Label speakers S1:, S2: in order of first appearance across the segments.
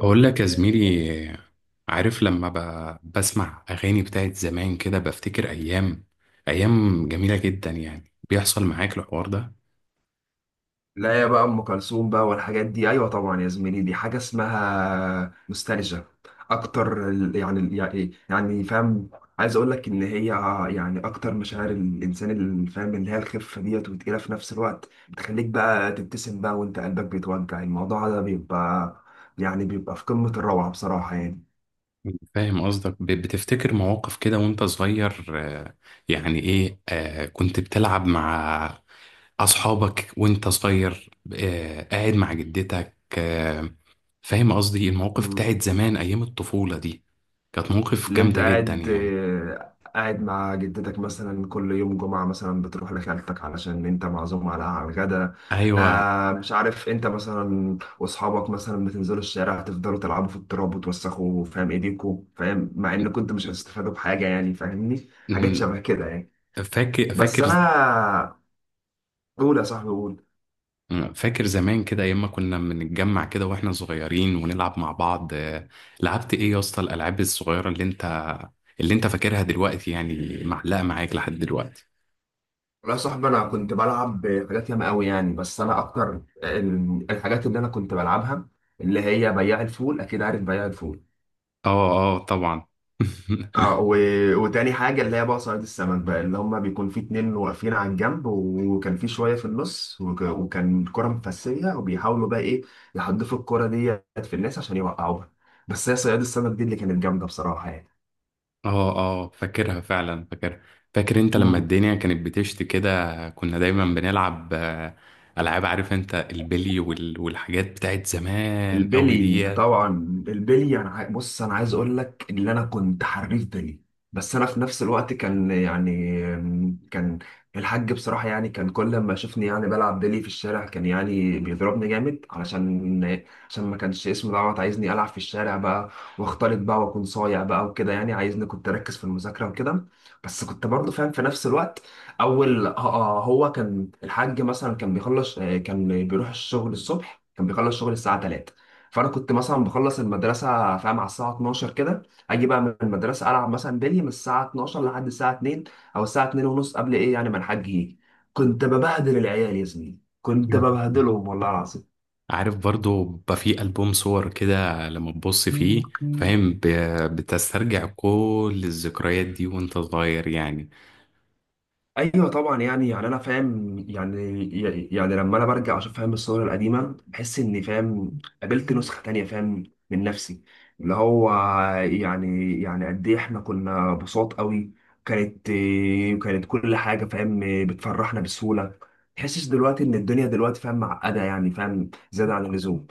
S1: أقول لك يا زميلي. عارف لما بسمع أغاني بتاعت زمان كده بفتكر أيام، أيام جميلة جدا يعني. بيحصل معاك الحوار ده؟
S2: لا يا بقى، ام كلثوم بقى والحاجات دي، ايوه طبعا يا زميلي، دي حاجه اسمها نوستالجيا. اكتر فاهم عايز اقول لك ان هي، اكتر مشاعر الانسان اللي فاهم، اللي هي الخفه ديت وتقيله في نفس الوقت، بتخليك بقى تبتسم بقى وانت قلبك بيتوجع. الموضوع ده بيبقى، بيبقى في قمه الروعه بصراحه، يعني.
S1: فاهم قصدك، بتفتكر مواقف كده وأنت صغير، آه، يعني إيه. كنت بتلعب مع أصحابك وأنت صغير، قاعد مع جدتك. فاهم قصدي؟ المواقف بتاعت زمان أيام الطفولة دي كانت مواقف
S2: اللي انت
S1: جامدة جدا
S2: قاعد
S1: يعني.
S2: آه، قاعد مع جدتك مثلا، كل يوم جمعة مثلا بتروح لخالتك علشان انت معزوم على الغدا.
S1: أيوة.
S2: مش عارف انت مثلا، واصحابك مثلا بتنزلوا الشارع تفضلوا تلعبوا في التراب وتوسخوا فاهم ايديكوا، فاهم، مع
S1: م-
S2: ان كنت مش هتستفادوا بحاجة، يعني، فاهمني حاجات
S1: م-
S2: شبه كده يعني.
S1: فاكر،
S2: بس
S1: فاكر.
S2: انا قول يا صاحبي قول.
S1: أنا فاكر زمان كده ايام ما كنا بنتجمع كده واحنا صغيرين ونلعب مع بعض. لعبت ايه يا اسطى؟ الالعاب الصغيره اللي انت فاكرها دلوقتي يعني معلقه معاك لحد دلوقتي؟
S2: لا يا صاحبي، انا كنت بلعب حاجات ياما قوي يعني، بس انا اكتر الحاجات اللي انا كنت بلعبها، اللي هي بياع الفول، اكيد عارف بياع الفول.
S1: اه، اه، طبعا.
S2: اه وتاني حاجة اللي هي بقى صياد السمك بقى، اللي هما بيكون في اتنين واقفين على الجنب، وكان في شوية في النص، وكان الكرة مفسية، وبيحاولوا بقى ايه يحدفوا الكرة ديت في الناس عشان يوقعوها. بس هي صياد السمك دي اللي كانت جامدة بصراحة،
S1: اه، اه، فاكرها فعلا، فاكرها. فاكر انت لما
S2: يعني.
S1: الدنيا كانت بتشتي كده كنا دايما بنلعب العاب. عارف انت البلي والحاجات بتاعت زمان قوي
S2: البلي
S1: ديت.
S2: طبعا. البلي، بص انا عايز اقول لك ان انا كنت حريف بلي. بس انا في نفس الوقت، كان الحاج بصراحه، يعني، كان كل ما يشوفني يعني بلعب بلي في الشارع، كان يعني بيضربني جامد، علشان ما كانش اسمه دعوه، عايزني العب في الشارع بقى واختلط بقى واكون صايع بقى وكده، يعني عايزني كنت اركز في المذاكره وكده. بس كنت برضه فاهم في نفس الوقت. اول آه، آه، هو كان الحاج مثلا، كان بيخلص آه، كان بيروح الشغل الصبح، كان بيخلص شغل الساعه 3. فانا كنت مثلا بخلص المدرسه فاهم على الساعه 12 كده، اجي بقى من المدرسه العب مثلا بلي من الساعه 12 لحد الساعه 2، او الساعه 2 ونص قبل ايه يعني ما الحاج يجي. كنت ببهدل العيال يا زميلي، كنت ببهدلهم والله
S1: عارف برضو بقى في ألبوم صور كده لما تبص فيه
S2: العظيم.
S1: فاهم، بتسترجع كل الذكريات دي وانت صغير يعني.
S2: ايوه طبعا، يعني انا فاهم، يعني، يعني لما انا برجع اشوف فاهم الصور القديمه، بحس اني فاهم قابلت نسخه تانية فاهم، من نفسي. اللي هو يعني، يعني قد ايه احنا كنا بساط قوي. كانت كانت كل حاجه فاهم بتفرحنا بسهوله. تحسش دلوقتي ان الدنيا دلوقتي فاهم معقده، يعني فاهم زياده عن اللزوم.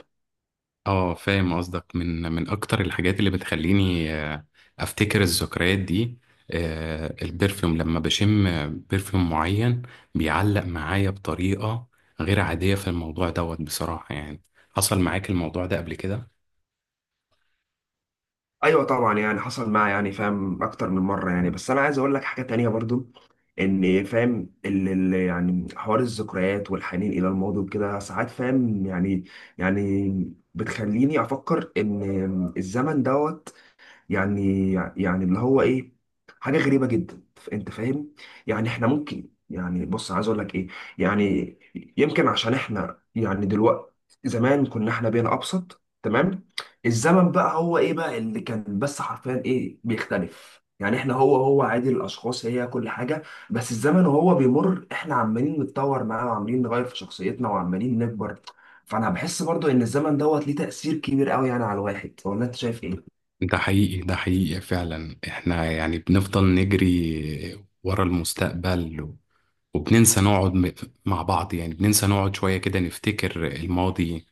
S1: اه، فاهم قصدك، من اكتر الحاجات اللي بتخليني افتكر الذكريات دي، البرفيوم. لما بشم برفيوم معين بيعلق معايا بطريقة غير عادية في الموضوع دوت بصراحة يعني. حصل معاك الموضوع ده قبل كده؟
S2: ايوه طبعا، يعني حصل معايا، يعني فاهم اكتر من مره يعني، بس انا عايز اقول لك حاجه تانية برضو، ان فاهم اللي يعني حوار الذكريات والحنين الى الماضي وكده، ساعات فاهم يعني، يعني بتخليني افكر ان الزمن دوت، يعني اللي هو ايه، حاجه غريبه جدا. انت فاهم يعني، احنا ممكن يعني، بص عايز اقول لك ايه، يعني، يمكن عشان احنا يعني دلوقتي، زمان كنا احنا بين ابسط، تمام. الزمن بقى هو ايه بقى اللي كان، بس حرفيا ايه بيختلف يعني، احنا هو عادي، الاشخاص هي كل حاجه، بس الزمن وهو بيمر احنا عمالين نتطور معاه وعمالين نغير في شخصيتنا وعمالين نكبر. فانا بحس برضو ان الزمن دوت ليه تأثير كبير قوي يعني على الواحد، ولا انت شايف
S1: ده حقيقي، ده حقيقي فعلا. احنا يعني بنفضل نجري ورا المستقبل وبننسى نقعد مع بعض يعني. بننسى نقعد شوية كده نفتكر الماضي.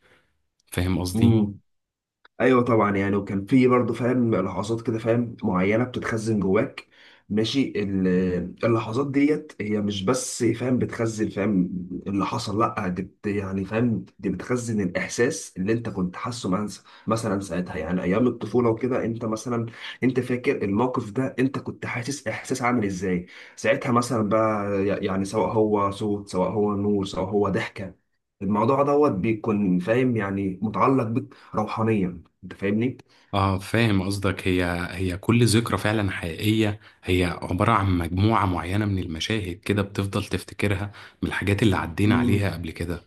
S1: فاهم قصدي؟
S2: ايه؟ ايوه طبعا، يعني، وكان في برضه فاهم لحظات كده فاهم معينه بتتخزن جواك، ماشي، اللحظات ديت هي مش بس فاهم بتخزن فاهم اللي حصل، لا، دي بت يعني فاهم دي بتخزن الاحساس اللي انت كنت مثلا ساعتها، يعني ايام الطفوله وكده، انت مثلا، انت فاكر الموقف ده انت كنت حاسس احساس عامل ازاي ساعتها مثلا بقى، يعني سواء هو صوت، سواء هو نور، سواء هو ضحكه. الموضوع دوت بيكون فاهم يعني متعلق بك روحانيا. انت فاهمني؟
S1: اه، فاهم قصدك. هي كل ذكرى فعلا حقيقية، هي عبارة عن مجموعة معينة من المشاهد كده بتفضل تفتكرها من الحاجات اللي عدينا عليها
S2: امم
S1: قبل كده.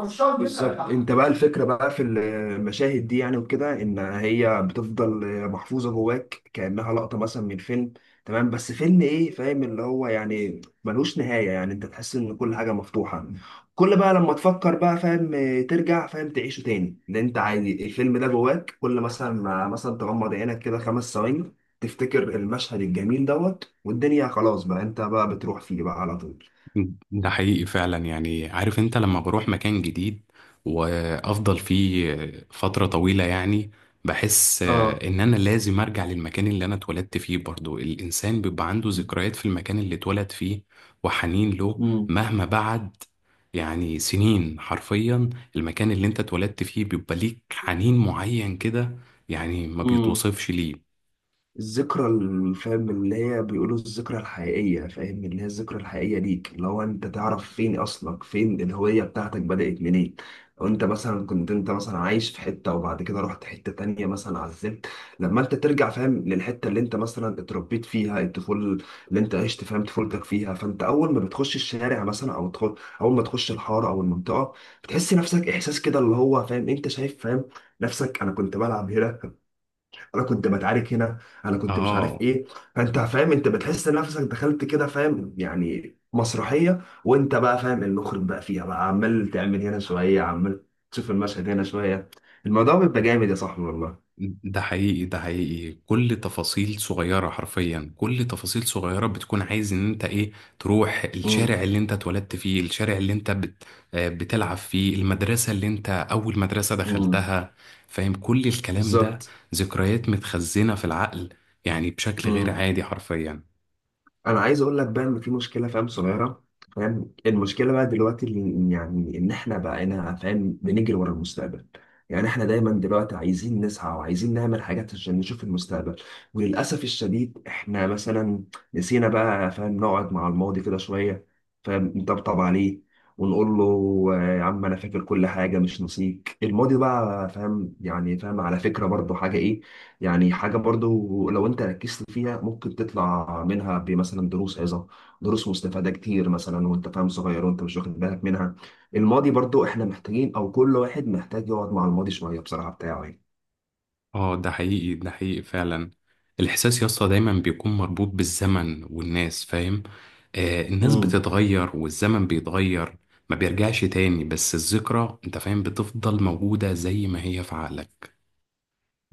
S2: بالظبط. انت بقى الفكره بقى في المشاهد دي، يعني، وكده، ان هي بتفضل محفوظه جواك كانها لقطه مثلا من فيلم، تمام، بس فيلم ايه فاهم اللي هو يعني ملوش نهايه، يعني انت تحس ان كل حاجه مفتوحه. كل بقى لما تفكر بقى فاهم، ترجع فاهم تعيشه تاني، لان انت عادي الفيلم ده جواك، كل مثلا ما مثلا تغمض عينك كده خمس ثواني، تفتكر المشهد الجميل دوت، والدنيا خلاص بقى، انت بقى بتروح فيه بقى على طول.
S1: ده حقيقي فعلا يعني. عارف انت لما بروح مكان جديد وافضل فيه فترة طويلة يعني بحس ان انا لازم ارجع للمكان اللي انا اتولدت فيه. برضو الانسان بيبقى عنده ذكريات في المكان اللي اتولد فيه وحنين له
S2: اه.
S1: مهما بعد، يعني سنين حرفيا. المكان اللي انت اتولدت فيه بيبقى ليك حنين معين كده يعني ما
S2: امم
S1: بيتوصفش ليه.
S2: الذكرى، فاهم اللي هي بيقولوا الذكرى الحقيقية، فاهم، اللي هي الذكرى الحقيقية ليك، اللي هو انت تعرف فين اصلك، فين الهوية بتاعتك بدأت منين. لو انت مثلا كنت انت مثلا عايش في حتة، وبعد كده رحت حتة تانية مثلا، عزلت، لما انت ترجع فاهم للحتة اللي انت مثلا اتربيت فيها الطفولة، اللي انت عشت فاهم طفولتك فيها، فانت اول ما بتخش الشارع مثلا اول ما تخش الحارة او المنطقة، بتحس نفسك احساس كده اللي هو فاهم، انت شايف فاهم نفسك، انا كنت بلعب هنا، انا كنت بتعارك هنا، انا كنت مش عارف
S1: اه،
S2: ايه. فانت فاهم، انت بتحس ان نفسك دخلت كده فاهم يعني مسرحيه، وانت بقى فاهم المخرج بقى فيها بقى، عمال تعمل هنا شويه، عمال تشوف المشهد هنا شويه. الموضوع بيبقى جامد يا صاحبي والله.
S1: ده حقيقي، ده حقيقي. كل تفاصيل صغيرة حرفيا، كل تفاصيل صغيرة بتكون عايز ان انت ايه. تروح
S2: امم
S1: الشارع اللي انت اتولدت فيه، الشارع اللي انت بت آه، بتلعب فيه، المدرسة اللي انت اول مدرسة
S2: امم
S1: دخلتها، فاهم كل الكلام ده.
S2: بالظبط.
S1: ذكريات متخزنة في العقل يعني بشكل غير عادي حرفيا.
S2: انا عايز اقول لك بقى ان في مشكله فاهم صغيره. فاهم، المشكله بقى دلوقتي يعني ان احنا بقينا فاهم بنجري ورا المستقبل. يعني احنا دايما دلوقتي عايزين نسعى وعايزين نعمل حاجات عشان نشوف المستقبل، وللاسف الشديد احنا مثلا نسينا بقى فاهم نقعد مع الماضي كده شويه، فاهم، نطبطب عليه ونقول له، آه، يا عم انا فاكر كل حاجه مش نسيك، الماضي بقى فاهم يعني، فاهم على فكره برضه حاجه ايه يعني، حاجة برضو لو انت ركزت فيها ممكن تطلع منها بمثلا دروس عظة، دروس مستفادة كتير مثلا، وانت فاهم صغير وانت مش واخد بالك منها. الماضي برضو احنا محتاجين، او كل واحد محتاج يقعد مع الماضي شوية بصراحة بتاعه.
S1: اه، ده حقيقي، ده حقيقي فعلا. الاحساس يا اسطى دايما بيكون مربوط بالزمن والناس فاهم. الناس
S2: يعني.
S1: بتتغير والزمن بيتغير، ما بيرجعش تاني. بس الذكرى انت فاهم بتفضل موجودة زي ما هي في عقلك.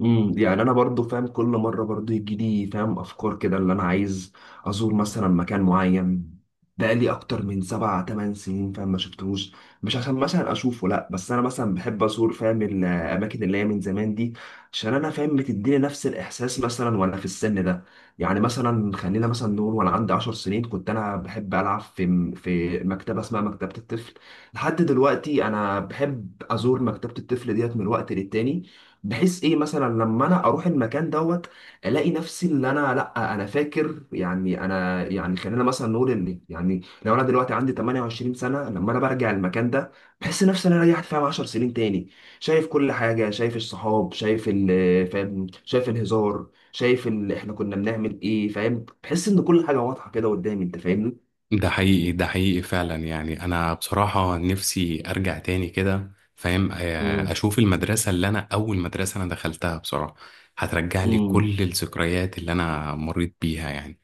S2: يعني انا برضو فاهم كل مره برضو يجي لي فاهم افكار كده، اللي انا عايز ازور مثلا مكان معين بقالي اكتر من سبع تمن سنين فاهم ما شفتهوش. مش عشان مثلا اشوفه، لا، بس انا مثلا بحب ازور فاهم الاماكن اللي هي من زمان دي، عشان انا فاهم بتديني نفس الاحساس مثلا وانا في السن ده. يعني مثلا خلينا مثلا نقول وانا عندي 10 سنين، كنت انا بحب العب في مكتبه اسمها مكتبه الطفل. لحد دلوقتي انا بحب ازور مكتبه الطفل ديت من وقت للتاني، بحيث ايه، مثلا لما انا اروح المكان دوت الاقي نفسي، اللي انا لا انا فاكر، يعني انا، يعني خلينا مثلا نقول ان، يعني لو انا دلوقتي عندي 28 سنه، لما انا برجع المكان ده بحس نفسي ان انا رجعت فاهم 10 سنين تاني، شايف كل حاجه، شايف الصحاب، شايف ال فاهم شايف الهزار، شايف ال احنا كنا بنعمل ايه فاهم، بحس ان كل حاجه واضحه كده قدامي، انت فاهمني؟
S1: ده حقيقي، ده حقيقي فعلا يعني. انا بصراحة نفسي ارجع تاني كده فاهم. اشوف المدرسة اللي انا اول مدرسة انا دخلتها بصراحة. هترجع لي
S2: امم
S1: كل الذكريات اللي انا مريت بيها يعني.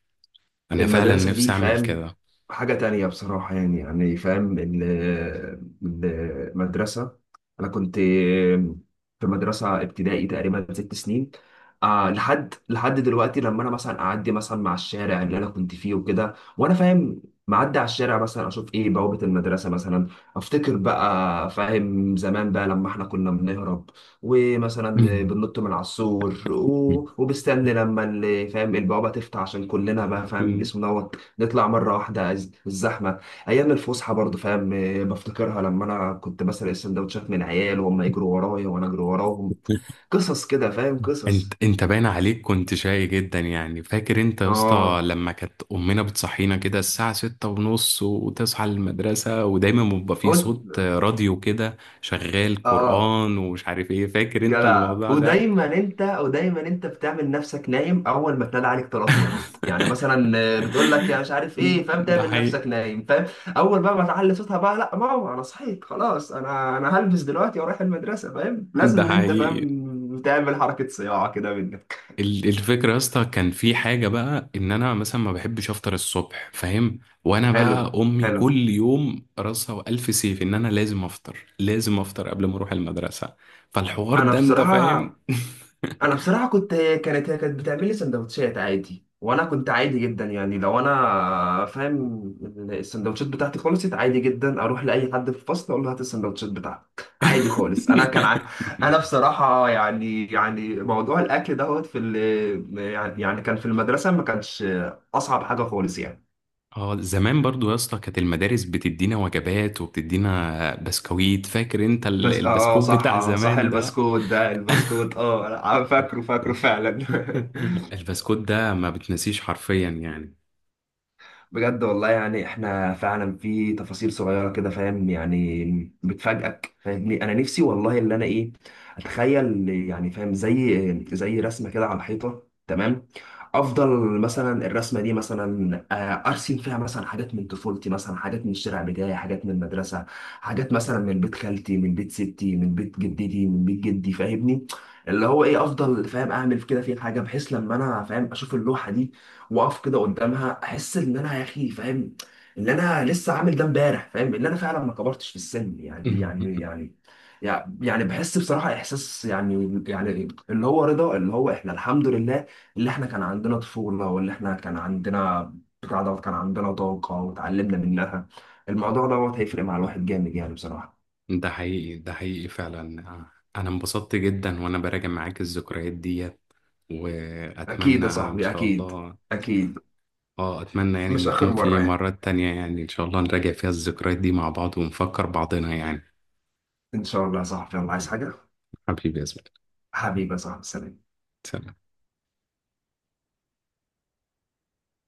S1: انا فعلا
S2: المدرسة دي
S1: نفسي اعمل
S2: فاهم
S1: كده.
S2: حاجة تانية بصراحة يعني، يعني فاهم، المدرسة. أنا كنت في مدرسة ابتدائي تقريبا ست سنين. آه، لحد دلوقتي لما أنا مثلا أعدي مثلا مع الشارع اللي أنا كنت فيه وكده، وأنا فاهم معدي على الشارع مثلا، أشوف إيه بوابة المدرسة مثلا، أفتكر بقى فاهم زمان بقى لما إحنا كنا بنهرب، ومثلا بننط من على السور، وبستنى لما فاهم البوابة تفتح عشان كلنا بقى فاهم
S1: مم.
S2: اسم دوت نطلع مرة واحدة، الزحمة. أيام الفسحة برضه فاهم، آه، بفتكرها لما أنا كنت بسرق السندوتشات من عيال وهم يجروا ورايا وأنا أجري وراهم. قصص كده فاهم،
S1: انت،
S2: قصص.
S1: باين عليك كنت شقي جدا يعني. فاكر انت يا اسطى
S2: اه.
S1: لما كانت امنا بتصحينا كده الساعة 6:30 وتصحى المدرسة ودايما بيبقى فيه
S2: قلت.
S1: صوت راديو كده شغال
S2: اه.
S1: قرآن ومش عارف ايه؟ فاكر انت
S2: جدع.
S1: الموضوع ده؟
S2: ودايما انت، ودايما انت بتعمل نفسك نايم، اول ما تنادى عليك ثلاث مرات، يعني مثلا، آه، بتقول لك يا مش عارف ايه فاهم،
S1: ده
S2: تعمل
S1: حقيقي،
S2: نفسك نايم، فاهم. اول بقى ما تعلي صوتها بقى، لا ماما انا صحيت خلاص، انا هلبس دلوقتي واروح المدرسه فاهم،
S1: ده
S2: لازم ان انت
S1: حقيقي.
S2: فاهم تعمل حركه صياعه كده منك.
S1: الفكرة يا اسطى كان في حاجة بقى إن أنا مثلا ما بحبش أفطر الصبح فاهم. وأنا
S2: حلو،
S1: بقى أمي
S2: حلو.
S1: كل يوم راسها وألف سيف إن أنا لازم أفطر، لازم أفطر قبل ما أروح المدرسة. فالحوار
S2: انا
S1: ده أنت
S2: بصراحه
S1: فاهم.
S2: انا بصراحه كنت، هي كانت بتعمل لي سندوتشات عادي، وانا كنت عادي جدا يعني، لو انا فاهم السندوتشات بتاعتي خلصت عادي جدا اروح لاي حد في الفصل اقول له هات السندوتشات بتاعتك عادي خالص. انا بصراحه يعني، يعني موضوع الاكل دوت في يعني، يعني كان في المدرسه ما كانش اصعب حاجه خالص يعني.
S1: اه، زمان برضو يا اسطى كانت المدارس بتدينا وجبات وبتدينا بسكويت. فاكر انت
S2: بس اه، آه،
S1: البسكوت
S2: صح،
S1: بتاع
S2: آه، صح.
S1: زمان ده؟
S2: البسكوت ده، البسكوت، اه، أنا فاكره، فاكره فعلا.
S1: البسكوت ده ما بتنسيش حرفيا يعني.
S2: بجد والله، يعني احنا فعلا في تفاصيل صغيره كده فاهم يعني بتفاجئك، فاهمني، انا نفسي والله اللي انا ايه، اتخيل يعني فاهم زي، زي رسمه كده على الحيطه، تمام، افضل مثلا الرسمه دي مثلا، آه، ارسم فيها مثلا حاجات من طفولتي، مثلا حاجات من الشارع بتاعي، حاجات من المدرسه، حاجات مثلا من بيت خالتي، من بيت ستي، من بيت جدتي، من بيت جدي، فاهمني، اللي هو ايه، افضل فاهم اعمل كده في حاجه، بحيث لما انا فاهم اشوف اللوحه دي واقف كده قدامها، احس ان انا يا اخي فاهم ان انا لسه عامل ده امبارح، فاهم ان انا فعلا ما كبرتش في السن، يعني بحس بصراحه احساس، يعني، يعني اللي هو رضا، اللي هو احنا الحمد لله، اللي احنا كان عندنا طفوله، واللي احنا كان عندنا بتاع دوت، كان عندنا طاقه وتعلمنا منها. الموضوع دوت هيفرق مع الواحد جامد يعني بصراحه.
S1: ده حقيقي، ده حقيقي فعلا. انا انبسطت جدا وانا براجع معاك الذكريات ديت
S2: اكيد
S1: واتمنى
S2: يا
S1: ان
S2: صاحبي،
S1: شاء
S2: اكيد،
S1: الله.
S2: اكيد.
S1: اه، اتمنى يعني ان
S2: مش اخر
S1: يكون في
S2: مره يعني،
S1: مرات تانية يعني ان شاء الله نراجع فيها الذكريات دي مع بعض ونفكر بعضنا يعني.
S2: ان شاء الله يا صاحبي، الله عايز حاجه.
S1: حبيبي يا زميلي،
S2: حبيبي يا صاحبي، سلام.
S1: سلام.